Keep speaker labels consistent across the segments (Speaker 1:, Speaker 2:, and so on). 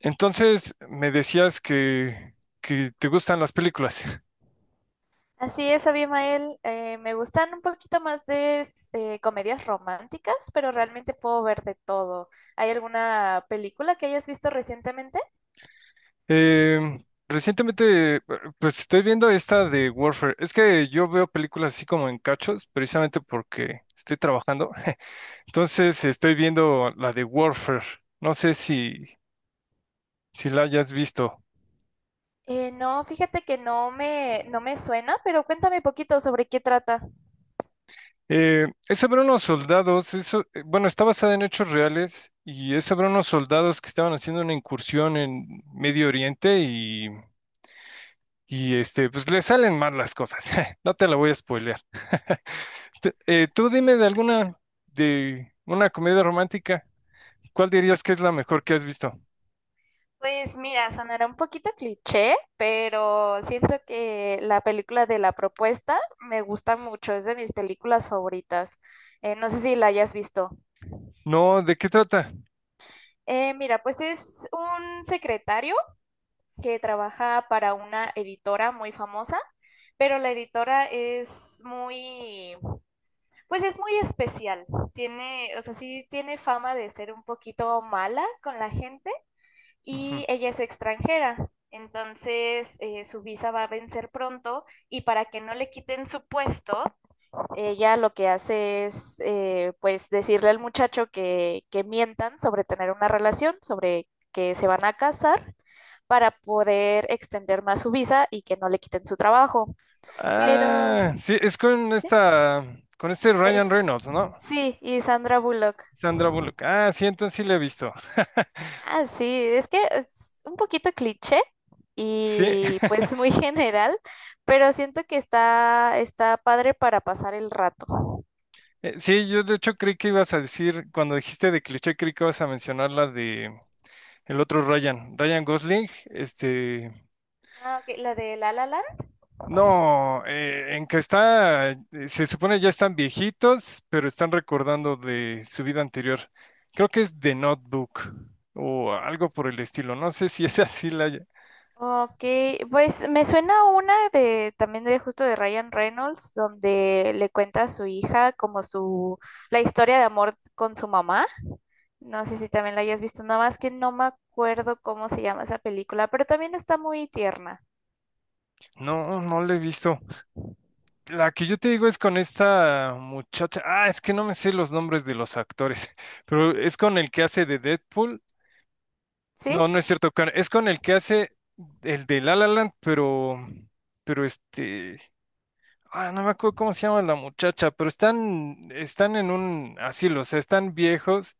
Speaker 1: Entonces, me decías que te gustan las películas.
Speaker 2: Así es, Abimael. Me gustan un poquito más de comedias románticas, pero realmente puedo ver de todo. ¿Hay alguna película que hayas visto recientemente?
Speaker 1: Em, recientemente, pues estoy viendo esta de Warfare. Es que yo veo películas así como en cachos, precisamente porque estoy trabajando. Entonces, estoy viendo la de Warfare. No sé si la hayas visto.
Speaker 2: No, fíjate que no me suena, pero cuéntame poquito sobre qué trata.
Speaker 1: Es sobre unos soldados, eso, bueno, está basada en hechos reales y es sobre unos soldados que estaban haciendo una incursión en Medio Oriente y este, pues le salen mal las cosas. No te la voy a spoilear. Tú dime de alguna, de una comedia romántica. ¿Cuál dirías que es la mejor que has visto?
Speaker 2: Pues mira, sonará un poquito cliché, pero siento que la película de La Propuesta me gusta mucho, es de mis películas favoritas. No sé si la hayas visto.
Speaker 1: No, ¿de qué trata?
Speaker 2: Mira, pues es un secretario que trabaja para una editora muy famosa, pero la editora es muy, pues es muy especial. Tiene, o sea, sí tiene fama de ser un poquito mala con la gente
Speaker 1: Ujú.
Speaker 2: y ella es extranjera. Entonces, su visa va a vencer pronto y para que no le quiten su puesto, ella lo que hace es, pues, decirle al muchacho que mientan sobre tener una relación, sobre que se van a casar para poder extender más su visa y que no le quiten su trabajo. Pero
Speaker 1: Ah, sí, es con
Speaker 2: sí,
Speaker 1: con este Ryan
Speaker 2: es
Speaker 1: Reynolds, ¿no?
Speaker 2: sí, y Sandra Bullock.
Speaker 1: Sandra Bullock. Ah, sí, entonces sí la he visto.
Speaker 2: Ah, sí, es que es un poquito cliché
Speaker 1: Sí,
Speaker 2: y pues muy general, pero siento que está padre para pasar el rato.
Speaker 1: sí, yo de hecho creí que ibas a decir, cuando dijiste de cliché, creí que ibas a mencionar la de el otro Ryan, Ryan Gosling,
Speaker 2: Ah, ok, la de La La Land.
Speaker 1: no, en que está, se supone ya están viejitos, pero están recordando de su vida anterior. Creo que es The Notebook o algo por el estilo. No sé si es así la...
Speaker 2: Ok, pues me suena una de también de justo de Ryan Reynolds, donde le cuenta a su hija como su la historia de amor con su mamá. No sé si también la hayas visto, nada más que no me acuerdo cómo se llama esa película, pero también está muy tierna.
Speaker 1: No, no la he visto. La que yo te digo es con esta muchacha. Ah, es que no me sé los nombres de los actores, pero es con el que hace de Deadpool. No,
Speaker 2: ¿Sí?
Speaker 1: no es cierto, es con el que hace el de La La Land, pero ah, no me acuerdo cómo se llama la muchacha, pero están en un asilo, o sea, están viejos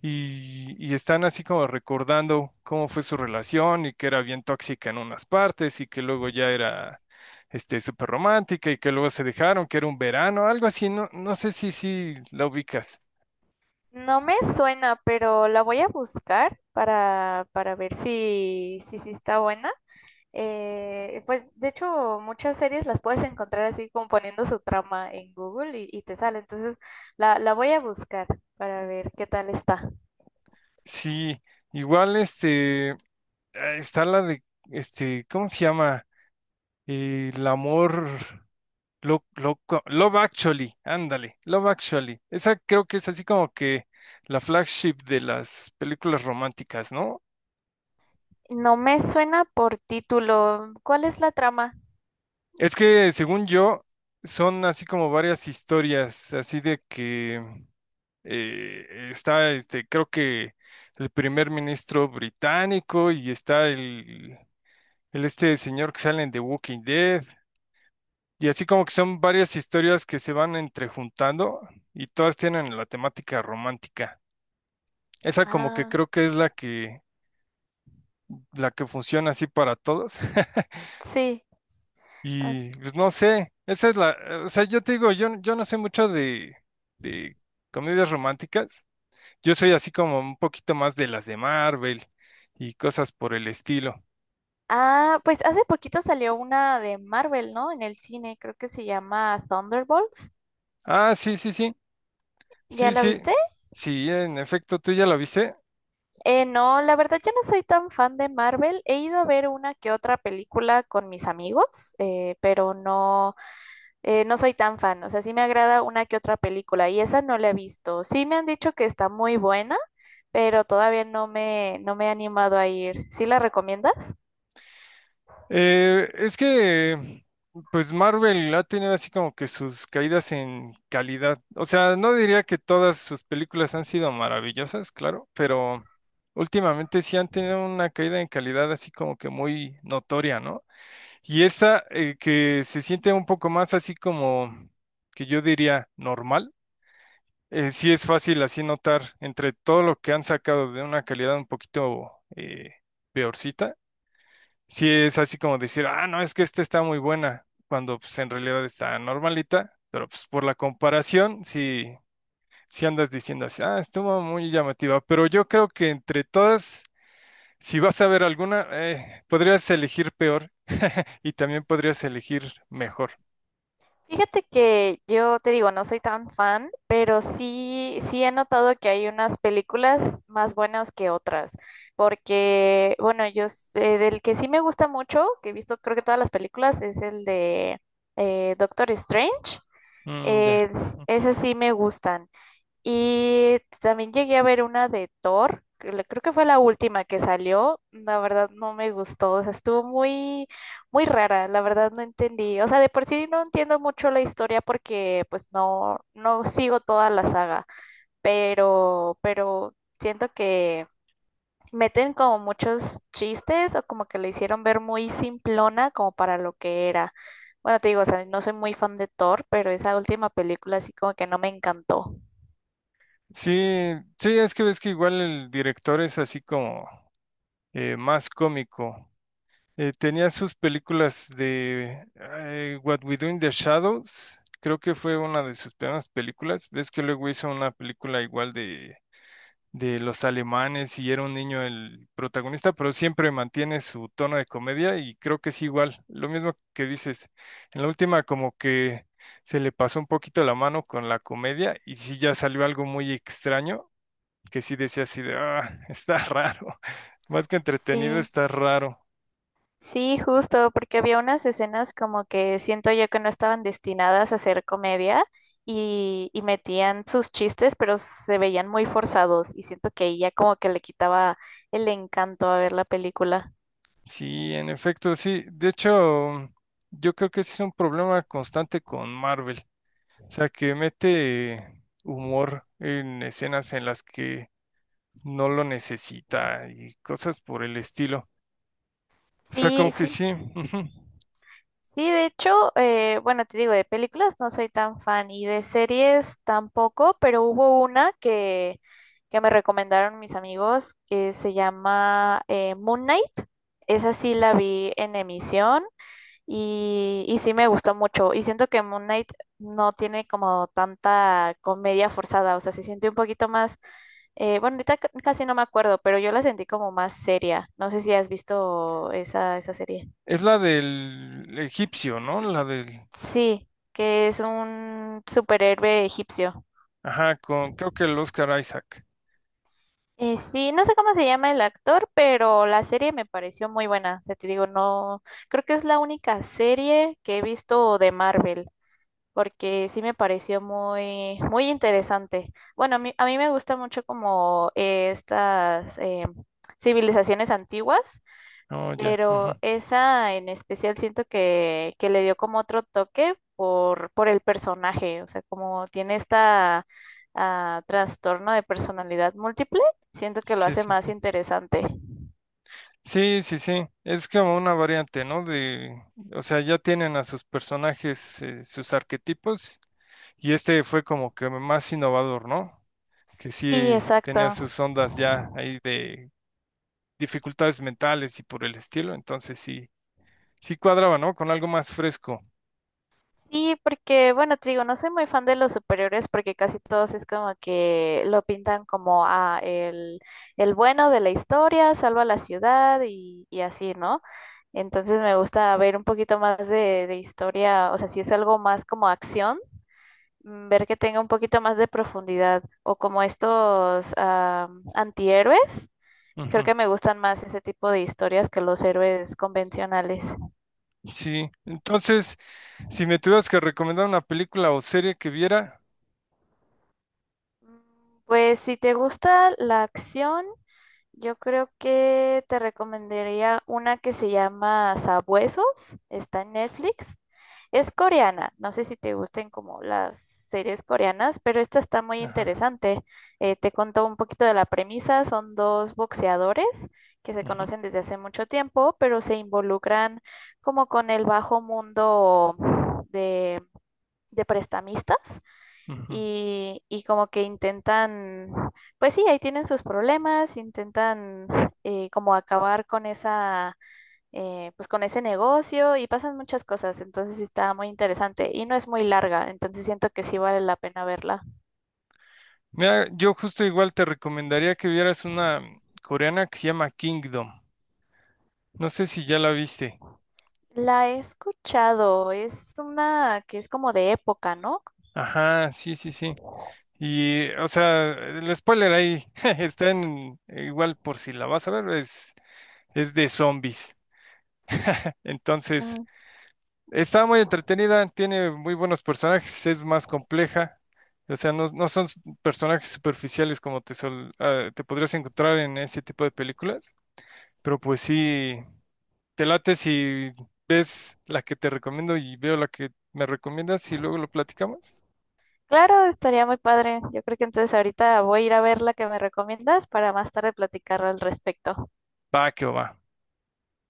Speaker 1: y están así como recordando cómo fue su relación y que era bien tóxica en unas partes y que luego ya era súper romántica y que luego se dejaron, que era un verano, algo así, no, no sé si la ubicas.
Speaker 2: No me suena, pero la voy a buscar para ver si está buena. Pues de hecho muchas series las puedes encontrar así como poniendo su trama en Google y te sale. Entonces la voy a buscar para ver qué tal está.
Speaker 1: Sí, igual ah, está la de, este, ¿cómo se llama? El amor. Lo, lo- Love Actually, ándale, Love Actually. Esa creo que es así como que la flagship de las películas románticas, ¿no?
Speaker 2: No me suena por título. ¿Cuál es la trama?
Speaker 1: Es que según yo, son así como varias historias, así de que está, creo que el primer ministro británico y está el este señor que sale en The Walking Dead. Y así como que son varias historias que se van entrejuntando y todas tienen la temática romántica. Esa como que
Speaker 2: Ah,
Speaker 1: creo que es la que funciona así para todos.
Speaker 2: sí.
Speaker 1: Y pues no sé, esa es la, o sea, yo te digo, yo no sé mucho de comedias románticas. Yo soy así como un poquito más de las de Marvel y cosas por el estilo.
Speaker 2: Ah, pues hace poquito salió una de Marvel, ¿no? En el cine, creo que se llama Thunderbolts.
Speaker 1: Ah, sí, sí, sí,
Speaker 2: ¿Ya
Speaker 1: sí,
Speaker 2: la
Speaker 1: sí,
Speaker 2: viste?
Speaker 1: sí, en efecto, ¿tú ya la viste?
Speaker 2: No, la verdad yo no soy tan fan de Marvel. He ido a ver una que otra película con mis amigos, no soy tan fan. O sea, sí me agrada una que otra película y esa no la he visto. Sí me han dicho que está muy buena, pero todavía no me he animado a ir. ¿Sí la recomiendas?
Speaker 1: Eh, es que, pues Marvel ha tenido así como que sus caídas en calidad. O sea, no diría que todas sus películas han sido maravillosas, claro, pero últimamente sí han tenido una caída en calidad así como que muy notoria, ¿no? Y esta que se siente un poco más así como que yo diría normal, sí es fácil así notar entre todo lo que han sacado de una calidad un poquito eh, peorcita sí es así como decir, ah, no, es que esta está muy buena, cuando pues en realidad está normalita, pero pues por la comparación, sí, sí andas diciendo así, ah, estuvo muy llamativa, pero yo creo que entre todas, si vas a ver alguna, podrías elegir peor y también podrías elegir mejor.
Speaker 2: Fíjate que yo te digo, no soy tan fan, pero sí he notado que hay unas películas más buenas que otras, porque, bueno, del que sí me gusta mucho, que he visto creo que todas las películas, es el de Doctor Strange.
Speaker 1: Mm, ya.
Speaker 2: Es,
Speaker 1: Ujú.
Speaker 2: esas sí me gustan. Y también llegué a ver una de Thor, que creo que fue la última que salió. La verdad no me gustó, o sea, muy rara, la verdad no entendí. O sea, de por sí no entiendo mucho la historia porque no sigo toda la saga, pero siento que meten como muchos chistes o como que le hicieron ver muy simplona como para lo que era. Bueno, te digo, o sea, no soy muy fan de Thor, pero esa última película así como que no me encantó.
Speaker 1: Sí, sí, es que ves que igual el director es así como más cómico. Tenía sus películas de What We Do in the Shadows, creo que fue una de sus primeras películas. Ves que luego hizo una película igual de los alemanes y era un niño el protagonista, pero siempre mantiene su tono de comedia y creo que es igual, lo mismo que dices. En la última como que se le pasó un poquito la mano con la comedia y sí ya salió algo muy extraño, que sí decía así de, ah, está raro, más que entretenido,
Speaker 2: Sí.
Speaker 1: está raro.
Speaker 2: Sí, justo, porque había unas escenas como que siento yo que no estaban destinadas a ser comedia y metían sus chistes, pero se veían muy forzados y siento que ahí ya como que le quitaba el encanto a ver la película.
Speaker 1: Sí, en efecto, sí. De hecho, yo creo que ese es un problema constante con Marvel. O sea, que mete humor en escenas en las que no lo necesita y cosas por el estilo. O sea, como
Speaker 2: Sí,
Speaker 1: que
Speaker 2: fi-
Speaker 1: sí. Ujú.
Speaker 2: sí, de hecho, bueno, te digo, de películas no soy tan fan y de series tampoco, pero hubo una que me recomendaron mis amigos que se llama Moon Knight. Esa sí la vi en emisión. Y sí me gustó mucho. Y siento que Moon Knight no tiene como tanta comedia forzada. O sea, se siente un poquito más. Bueno, ahorita casi no me acuerdo, pero yo la sentí como más seria. No sé si has visto esa serie.
Speaker 1: Es la del egipcio, ¿no? La del...
Speaker 2: Sí, que es un superhéroe egipcio.
Speaker 1: Ajá, con... creo que el Oscar Isaac.
Speaker 2: Sí, no sé cómo se llama el actor, pero la serie me pareció muy buena. O sea, te digo, no. Creo que es la única serie que he visto de Marvel, porque sí me pareció muy interesante. Bueno, a mí me gusta mucho como estas civilizaciones antiguas,
Speaker 1: Oh, ya.
Speaker 2: pero
Speaker 1: Ujú.
Speaker 2: esa en especial siento que le dio como otro toque por el personaje, o sea, como tiene esta trastorno de personalidad múltiple, siento que lo
Speaker 1: Sí,
Speaker 2: hace
Speaker 1: sí,
Speaker 2: más
Speaker 1: sí.
Speaker 2: interesante.
Speaker 1: Sí, sí, sí. Es como una variante, ¿no? De... O sea, ya tienen a sus personajes, sus arquetipos y este fue como que más innovador, ¿no? Que
Speaker 2: Sí,
Speaker 1: sí tenía
Speaker 2: exacto.
Speaker 1: sus ondas ya ahí de dificultades mentales y por el estilo, entonces sí, sí cuadraba, ¿no? Con algo más fresco.
Speaker 2: Sí, porque bueno, te digo, no soy muy fan de los superiores porque casi todos es como que lo pintan como ah, el bueno de la historia, salva la ciudad y así, ¿no? Entonces me gusta ver un poquito más de historia, o sea, si es algo más como acción, mm, ver que tenga un poquito más de profundidad o como estos ah, antihéroes, creo
Speaker 1: Ujú.
Speaker 2: que me gustan más ese tipo de historias que los héroes convencionales.
Speaker 1: Sí, entonces, si me tuvieras que recomendar una película o serie que viera,
Speaker 2: Mm, pues si te gusta la acción, yo creo que te recomendaría una que se llama Sabuesos, está en Netflix. Es coreana, no sé si te gusten como las series coreanas, pero esta está muy
Speaker 1: ajá,
Speaker 2: interesante. Te contó un poquito de la premisa, son dos boxeadores que se
Speaker 1: ujú,
Speaker 2: conocen desde hace mucho tiempo, pero se involucran como con el bajo mundo de, de prestamistas
Speaker 1: ujú.
Speaker 2: y como que intentan, pues sí, ahí tienen sus problemas, intentan como acabar con pues con ese negocio y pasan muchas cosas, entonces sí está muy interesante y no es muy larga, entonces siento que sí vale la pena verla.
Speaker 1: Mira, yo justo igual te recomendaría que vieras una coreana que se llama Kingdom. No sé si ya la viste.
Speaker 2: La he escuchado, es una que es como de época, ¿no?
Speaker 1: Ajá, sí, sí, sí. Y, o sea, el spoiler ahí está en, igual por si la vas a es de zombies. Entonces,
Speaker 2: Ah,
Speaker 1: está muy entretenida, tiene muy buenos personajes, es más compleja. O sea, no, no son personajes superficiales como te podrías encontrar en ese tipo de películas. Pero pues sí, te late si ves la que te recomiendo y veo la que me recomiendas y luego lo platicamos.
Speaker 2: claro, estaría muy padre. Yo creo que entonces ahorita voy a ir a ver la que me recomiendas para más tarde platicar al respecto.
Speaker 1: Va, que va.